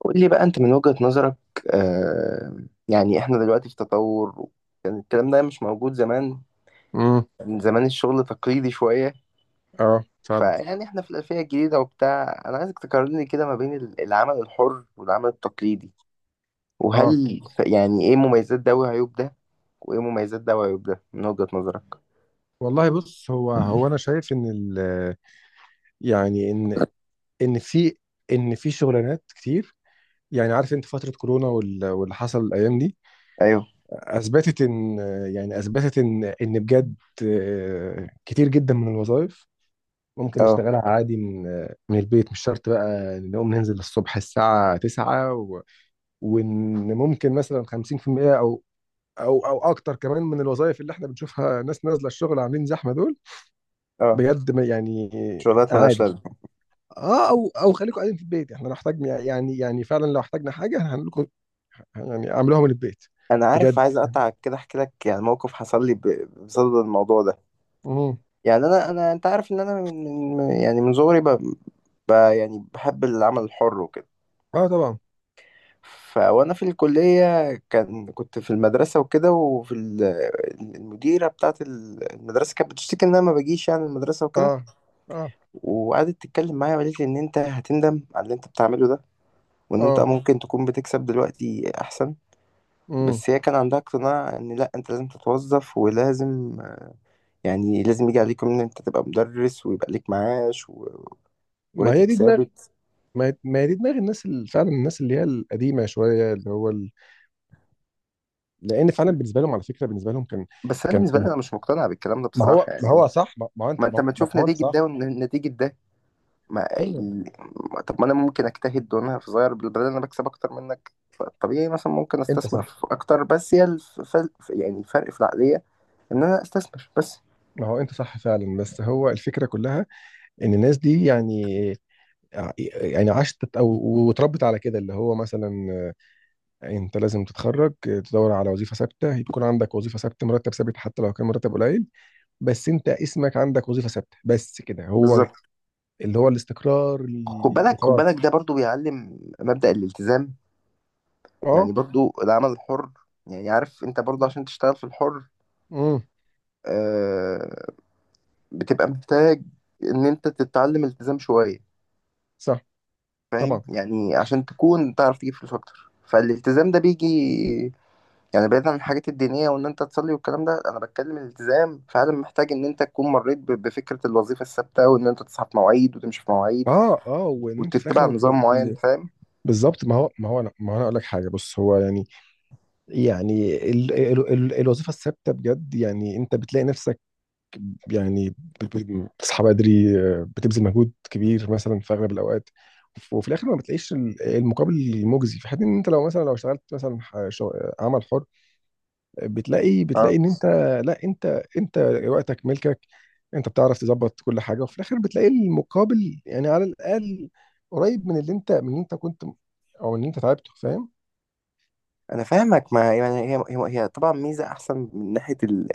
قول لي بقى انت من وجهة نظرك. آه يعني احنا دلوقتي في تطور. يعني الكلام ده مش موجود زمان. امم. من زمان الشغل تقليدي شوية. اه، فعلا. فيعني احنا في الألفية الجديدة وبتاع. انا عايزك تقارن لي كده ما بين العمل الحر والعمل التقليدي. اه، وهل يعني ايه مميزات ده وعيوب ده؟ وايه مميزات ده وعيوب ده من وجهة نظرك؟ والله بص، هو انا شايف ان ال، يعني ان في في شغلانات كتير. يعني عارف انت، فترة كورونا واللي حصل الايام دي ايوه. اثبتت ان، ان بجد كتير جدا من الوظائف ممكن اه، نشتغلها عادي من البيت. مش شرط بقى نقوم ننزل الصبح الساعة 9 وان ممكن مثلا 50% او اكتر كمان من الوظائف اللي احنا بنشوفها ناس نازله الشغل عاملين زحمه دول اه. بجد، يعني. شغلات ملهاش عادي. لازمة. اه، او او خليكم قاعدين في البيت، احنا لو احتاجنا، يعني، فعلا لو احتاجنا حاجه احنا هنعمل لكم. يعني اعملوها من البيت. انا عارف، بجد. عايز اقطعك كده احكي لك يعني موقف حصل لي بصدد الموضوع ده. امم. يعني انا، انت عارف ان انا يعني من صغري. يعني بحب العمل الحر وكده. اه طبعا. وانا في الكلية كنت في المدرسة وكده، وفي المديرة بتاعت المدرسة كانت بتشتكي ان انا ما بجيش يعني المدرسة وكده. اه، اه، وقعدت تتكلم معايا وقالت لي ان انت هتندم على اللي انت بتعمله ده، وان انت اه. ممكن تكون بتكسب دلوقتي احسن. امم. بس هي كان عندها اقتناع ان لا، انت لازم تتوظف ولازم، يعني لازم يجي عليكم ان انت تبقى مدرس، ويبقى ليك معاش ما هي وراتب دي دماغ. ثابت. ما هي دي دماغ الناس اللي فعلا، الناس اللي هي القديمه شويه، اللي هو لان فعلا بالنسبه لهم، على فكره، بالنسبه لهم كان، بس انا كان بالنسبة لي كان انا مش مقتنع بالكلام ده بصراحة ما يعني. هو صح، ما, ما هو انت ما ما, انت ما ما تشوف ما هو انت نتيجة صح. ده ونتيجة ده. ما ايوه. ال... طب ما انا ممكن اجتهد وانا في صغير بالبدل، انا بكسب اكتر منك، فطبيعي مثلا ممكن انت استثمر صح. في اكتر. بس هي يعني الفرق في العقلية. ان انا استثمر بس. ما هو انت صح فعلا، بس هو الفكره كلها ان الناس دي، يعني، عشت تت- او واتربت على كده، اللي هو مثلا انت لازم تتخرج، تدور على وظيفه ثابته، يكون عندك وظيفه ثابته، مرتب ثابت حتى لو كان مرتب قليل، بس انت اسمك عندك وظيفه ثابته، بس كده هو، بالظبط. اللي هو الاستقرار خد بالك، خد وخلاص. بالك، ده برضو بيعلم مبدأ الالتزام. اه. يعني برضو العمل الحر، يعني عارف انت برضو عشان تشتغل في الحر، امم. آه... بتبقى محتاج ان انت تتعلم التزام شوية. صح. فاهم؟ طبعا. يعني عشان تكون تعرف تجيب فلوس اكتر، فالالتزام ده بيجي. يعني بعيدا عن الحاجات الدينية وإن أنت تصلي والكلام ده، أنا بتكلم الالتزام فعلا، محتاج إن أنت تكون مريت بفكرة الوظيفة الثابتة، وإن أنت تصحى في مواعيد وتمشي في مواعيد اه، اه، وان انت في وتتبع الاخر نظام معين. م- فاهم؟ بالظبط. ما هو انا اقول لك حاجه، بص هو، يعني، يعني ال ال ال الوظيفه الثابته بجد يعني انت بتلاقي نفسك، يعني بتصحى بدري، بتبذل مجهود كبير مثلا في اغلب الاوقات، وفي الاخر ما بتلاقيش المقابل المجزي، في حين ان انت لو مثلا، لو اشتغلت مثلا عمل حر، بتلاقي اه. ان انت، لا انت، انت وقتك ملكك، انت بتعرف تظبط كل حاجه، وفي الاخر بتلاقي المقابل، يعني على الاقل قريب من اللي انت، كنت او ان انت تعبته، فاهم. أنا فاهمك ما يعني، هي طبعا ميزة أحسن من ناحية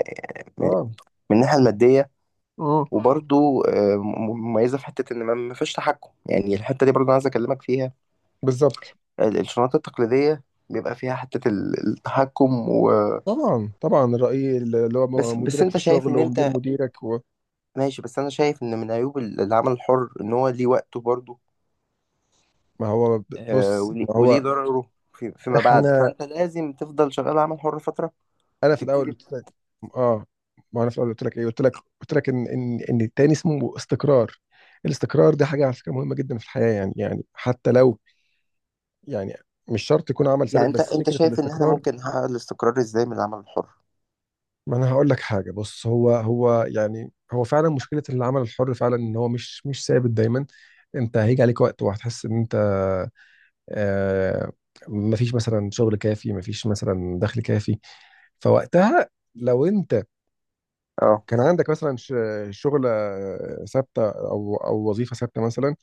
اه، من الناحية المادية. اه، وبرضو مميزة في حتة إن ما فيش تحكم. يعني الحتة دي برضو أنا عايز أكلمك فيها. بالظبط. الشنط التقليدية بيبقى فيها حتة التحكم طبعا، طبعا الرأي اللي هو بس مديرك في أنت شايف الشغل إن ومدير أنت مديرك. ماشي. بس انا شايف ان من عيوب العمل الحر ان هو ليه وقته برضه، ما هو ب- بص، وليه ما وليه هو ضرره فيما بعد. احنا فانت لازم تفضل شغال عمل حر فتره انا في الاول وتبتدي. قلت لك. اه، ما انا في الاول قلت لك ايه قلت لك قلت لك ان التاني اسمه استقرار. الاستقرار ده حاجه، على فكره، مهمه جدا في الحياه يعني، يعني حتى لو، يعني، مش شرط يكون عمل ثابت، يعني انت بس انت فكره شايف ان احنا الاستقرار. ممكن نحقق الاستقرار ازاي من العمل الحر؟ ما انا هقول لك حاجه بص هو هو يعني هو فعلا مشكله العمل الحر فعلا ان هو مش ثابت دايما. انت هيجي عليك وقت وهتحس ان انت، آه مفيش مثلا شغل كافي، مفيش مثلا دخل كافي. فوقتها لو انت اه. كان عندك مثلا شغلة ثابتة، أو وظيفة ثابتة مثلا،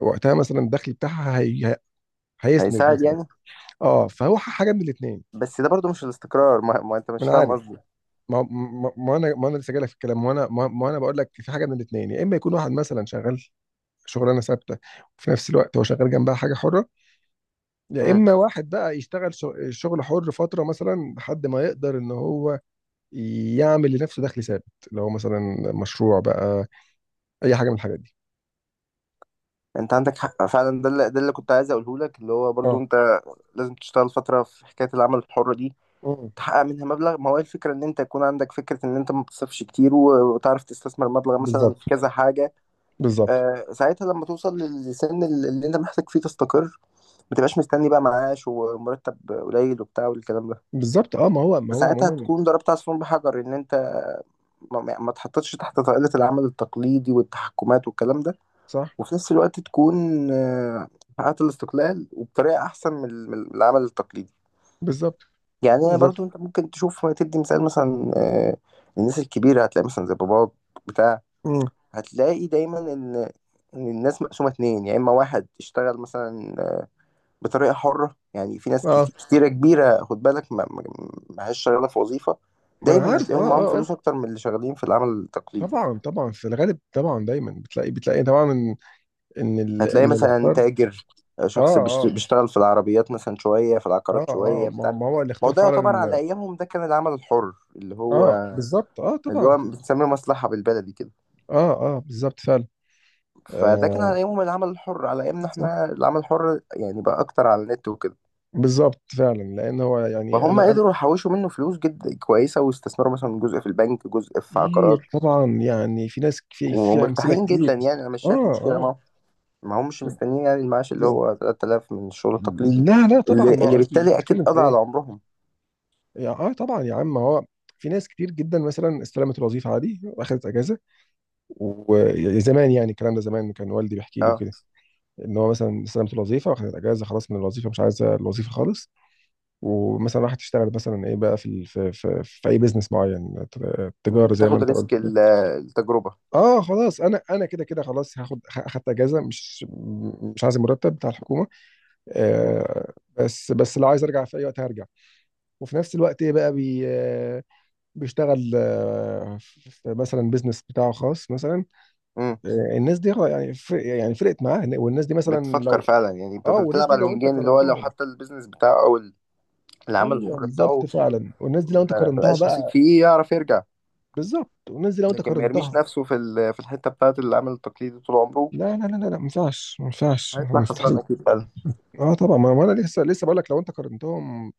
وقتها مثلا الدخل بتاعها هي هيسند هيساعد مثلا. يعني. اه، فهو حاجة من الاتنين. بس ده برضه مش الاستقرار، ما انت ما مش أنا فاهم عارف. قصدي. ما أنا لسه جايلك في الكلام، ما أنا ما ما أنا بقول لك في حاجة من الاتنين، يا إما يكون واحد مثلا شغال شغلانة ثابتة وفي نفس الوقت هو شغال جنبها حاجة حرة، يا امم إما واحد بقى يشتغل شغل حر فترة مثلا لحد ما يقدر إن هو يعمل لنفسه دخل ثابت، اللي هو مثلا مشروع بقى، أي حاجة من الحاجات دي. انت عندك حق فعلا. ده اللي كنت عايز اقوله لك، اللي هو برضه اه. انت لازم تشتغل فتره في حكايه العمل الحر دي، مم. تحقق منها مبلغ. ما هو إيه الفكرة؟ ان انت يكون عندك فكرة ان انت ما بتصرفش كتير وتعرف تستثمر مبلغ مثلا في بالظبط. كذا حاجة. بالظبط. ساعتها لما توصل للسن اللي انت محتاج فيه تستقر، ما تبقاش مستني بقى معاش ومرتب قليل وبتاع والكلام ده. بالظبط. اه، ما هو، ما هو فساعتها عموما تكون ضربت عصفور بحجر ان انت ما تحطش تحت طائلة العمل التقليدي والتحكمات والكلام ده. صح. وفي نفس الوقت تكون آه، حققت الاستقلال وبطريقة احسن من العمل التقليدي. بالظبط. يعني انا بالظبط. برضو، انت ممكن تشوف تدي مثال مثلا، الناس الكبيره هتلاقي مثلا زي باباك بتاع. امم. هتلاقي دايما ان الناس مقسومه اتنين، يا اما واحد اشتغل مثلا بطريقه حره. يعني في ناس اه، كتيره كبيره، خد بالك، ماهاش شغاله في وظيفه، ما انا دايما عارف. اه، هتلاقيهم معاهم اه، اه. فلوس اكتر من اللي شغالين في العمل التقليدي. طبعا، طبعا، في الغالب طبعا دايما بتلاقي، طبعا ان هتلاقي اللي مثلا اختار. تاجر، اه، شخص اه، بيشتغل في العربيات مثلا شويه، في اه، العقارات اه، شويه، ما بتاع. ما هو اللي ما هو اختار ده يعتبر فعلا. على ايامهم، ده كان العمل الحر، اللي اه، هو بالظبط، اه اللي طبعا. هو بنسميه مصلحة بالبلدي كده. اه، اه، بالظبط فعلا. فده كان على آه. أيامهم العمل الحر. على أيامنا صح. إحنا العمل الحر يعني بقى أكتر على النت وكده. بالظبط فعلا، لان هو، يعني، فهم قدروا يحوشوا منه فلوس جدا كويسة، واستثمروا مثلا جزء في البنك جزء في كتير عقارات. طبعا، يعني في ناس، في في امثله ومرتاحين جدا. كتير. يعني أنا مش اه، شايف مشكلة اه، معاهم، ما همش مستنيين يعني المعاش اللي هو 3000 من الشغل التقليدي، لا، لا طبعا. اللي, ما اللي هو اصل انت بالتالي أكيد بتتكلم في قضى على ايه، عمرهم. يا اه طبعا يا عم. هو في ناس كتير جدا مثلا استلمت الوظيفه عادي واخدت اجازه، وزمان، يعني الكلام ده زمان، كان والدي بيحكي لي أه. كده ان هو مثلا استلمت الوظيفه واخدت اجازه، خلاص من الوظيفه، مش عايزه الوظيفه خالص. ومثلا راحت تشتغل مثلا ايه بقى، في في في, في اي بيزنس معين، تجاره زي ما بتاخد انت قلت. ريسك التجربة. اه خلاص، انا انا كده كده خلاص هاخد، اخدت اجازه، مش عايز المرتب بتاع الحكومه. م، آه، بس لو عايز ارجع في اي وقت هرجع، وفي نفس الوقت ايه بقى بي، بيشتغل، في مثلا بيزنس بتاعه خاص مثلا. م، الناس دي، يعني، فرقت معاه. والناس دي مثلا بتفكر لو، فعلا، يعني اه، والناس بتلعب دي على لو انت الونجين، اللي هو لو قارنتهم. حتى البيزنس بتاعه أو العمل ايوه، الحر بالظبط بتاعه فعلا، والناس دي لو انت ما قارنتها بقاش نصيب بقى، فيه، يعرف يرجع، بالظبط، والناس دي لو انت لكن ما يرميش قارنتها، نفسه في الحته بتاعت اللي عامل التقليد طول عمره. لا ما ينفعش، هيطلع خسران مستحيل. اكيد فعلا. اه طبعا، ما ما انا لسه لسه بقول لك، لو انت قارنتهم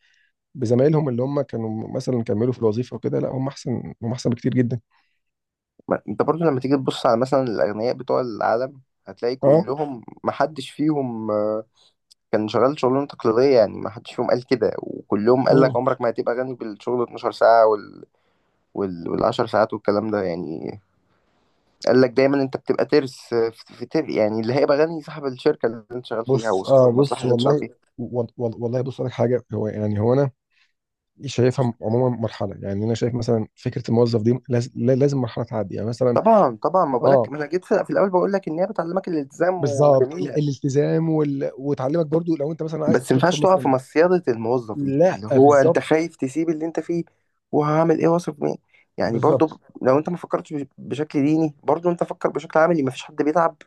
بزمايلهم اللي هم كانوا مثلا كملوا في الوظيفه وكده، لا هم احسن، هم احسن بكتير جدا. انت برضو لما تيجي تبص على مثلا الاغنياء بتوع العالم، هتلاقي اه. كلهم ما حدش فيهم كان شغال شغلانه تقليديه. يعني ما حدش فيهم قال كده، وكلهم قال لك امم. عمرك ما هتبقى غني بالشغل 12 ساعه وال10 ساعات والكلام ده يعني. قال لك دايما انت بتبقى ترس، في يعني اللي هيبقى غني صاحب الشركه اللي انت شغال فيها بص، وصاحب اه، المصلحه بص اللي انت شغال والله، فيها. والله بص لك حاجه، هو، يعني، هو انا شايفها عموما مرحله، يعني انا شايف مثلا فكره الموظف دي لازم مرحله تعدي يعني مثلا. طبعا طبعا، ما بقولك، اه، ما انا جيت في الاول بقول لك ان هي بتعلمك الالتزام بالظبط، وجميله. الالتزام وتعلمك برضو لو انت مثلا عايز بس ما تدخل ينفعش تقع في مثلا. مصيده الموظف دي، لا، اللي هو انت بالظبط. خايف تسيب اللي انت فيه وهعمل ايه، واثق مين. يعني برضو، بالظبط. لو انت ما فكرتش بشكل ديني، برضو انت فكر بشكل عملي. ما فيش حد بيتعب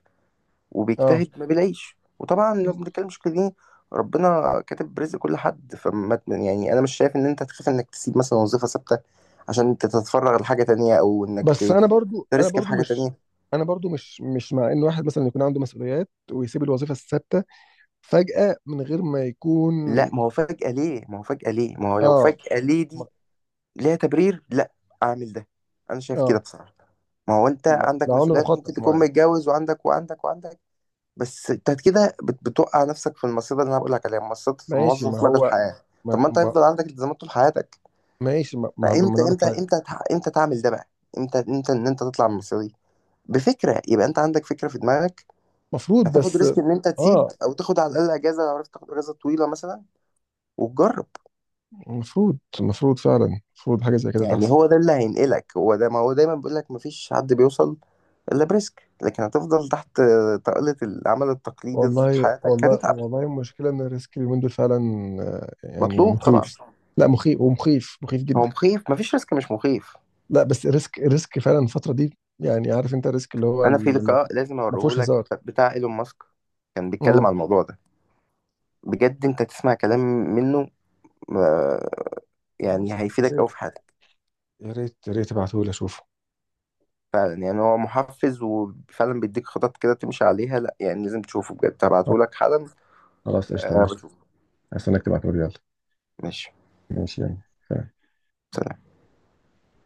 اه. وبيجتهد ما بيلاقيش. وطبعا لو بنتكلم بشكل ديني، ربنا كاتب رزق كل حد. فما يعني انا مش شايف ان انت تخاف انك تسيب مثلا وظيفه ثابته عشان انت تتفرغ لحاجه تانية، او انك بس انا برضو، تريسك في حاجه مش تانية. انا برضو مش، مش مع ان واحد مثلا يكون عنده مسؤوليات ويسيب الوظيفه الثابته فجاه من غير ما يكون. لا، ما هو لو اه. فجأة ليه ما- دي ليها تبرير. لا، اعمل ده. انا شايف كده اه. بصراحة. ما هو انت لا، عندك لا، عنده مسؤوليات، وممكن مخطط تكون معين. متجوز وعندك وعندك وعندك. بس انت كده بتوقع نفسك في المصيدة اللي انا بقول لك عليها، مصيدة ماشي، ما الموظف مدى هو، الحياة. طب ما ما انت ما هيفضل عندك التزامات طول حياتك. ماشي، ما ما ما انا فامتى أقول لك امتى حاجه. امتى تع- امتى تعمل ده بقى؟ امتى ان انت تطلع من المصيدة دي؟ بفكرة. يبقى انت عندك فكرة في دماغك، مفروض هتاخد بس. ريسك ان انت تسيب، اه، او تاخد على الاقل اجازة لو عرفت، تاخد اجازة طويلة مثلا وتجرب. مفروض، مفروض فعلا، مفروض حاجة زي كده يعني تحصل. هو ده اللي هينقلك، هو ده. ما هو دايما بيقول لك مفيش حد بيوصل الا بريسك. لكن هتفضل تحت طاولة العمل التقليدي طول والله، حياتك، هتتعب. والله المشكلة، إن الريسك اليومين دول فعلا، يعني مطلوب طبعا. مخيف. لا مخيف، مخيف هو جدا. مخيف، مفيش ريسك مش مخيف. لا، بس الريسك، فعلا الفترة دي يعني عارف أنت، الريسك اللي هو، انا في اللي ما، لقاء لازم ما فيهوش اوريهولك هزار. بتاع ايلون ماسك، كان بيتكلم امم. عن الموضوع ده. بجد انت تسمع كلام منه، آه، يعني خلاص، يا هيفيدك قوي ريت، في حياتك. يا ريت تبعتهولي اشوفه. فعلا يعني هو محفز، وفعلا بيديك خطط كده تمشي عليها. لا يعني لازم تشوفه بجد، هبعتهولك حالا. خلاص، قشطة. أه ماشي. بشوفه. عايز انك تبعتولي، يلا. ماشي. ماشي يعني. سلام. سلام.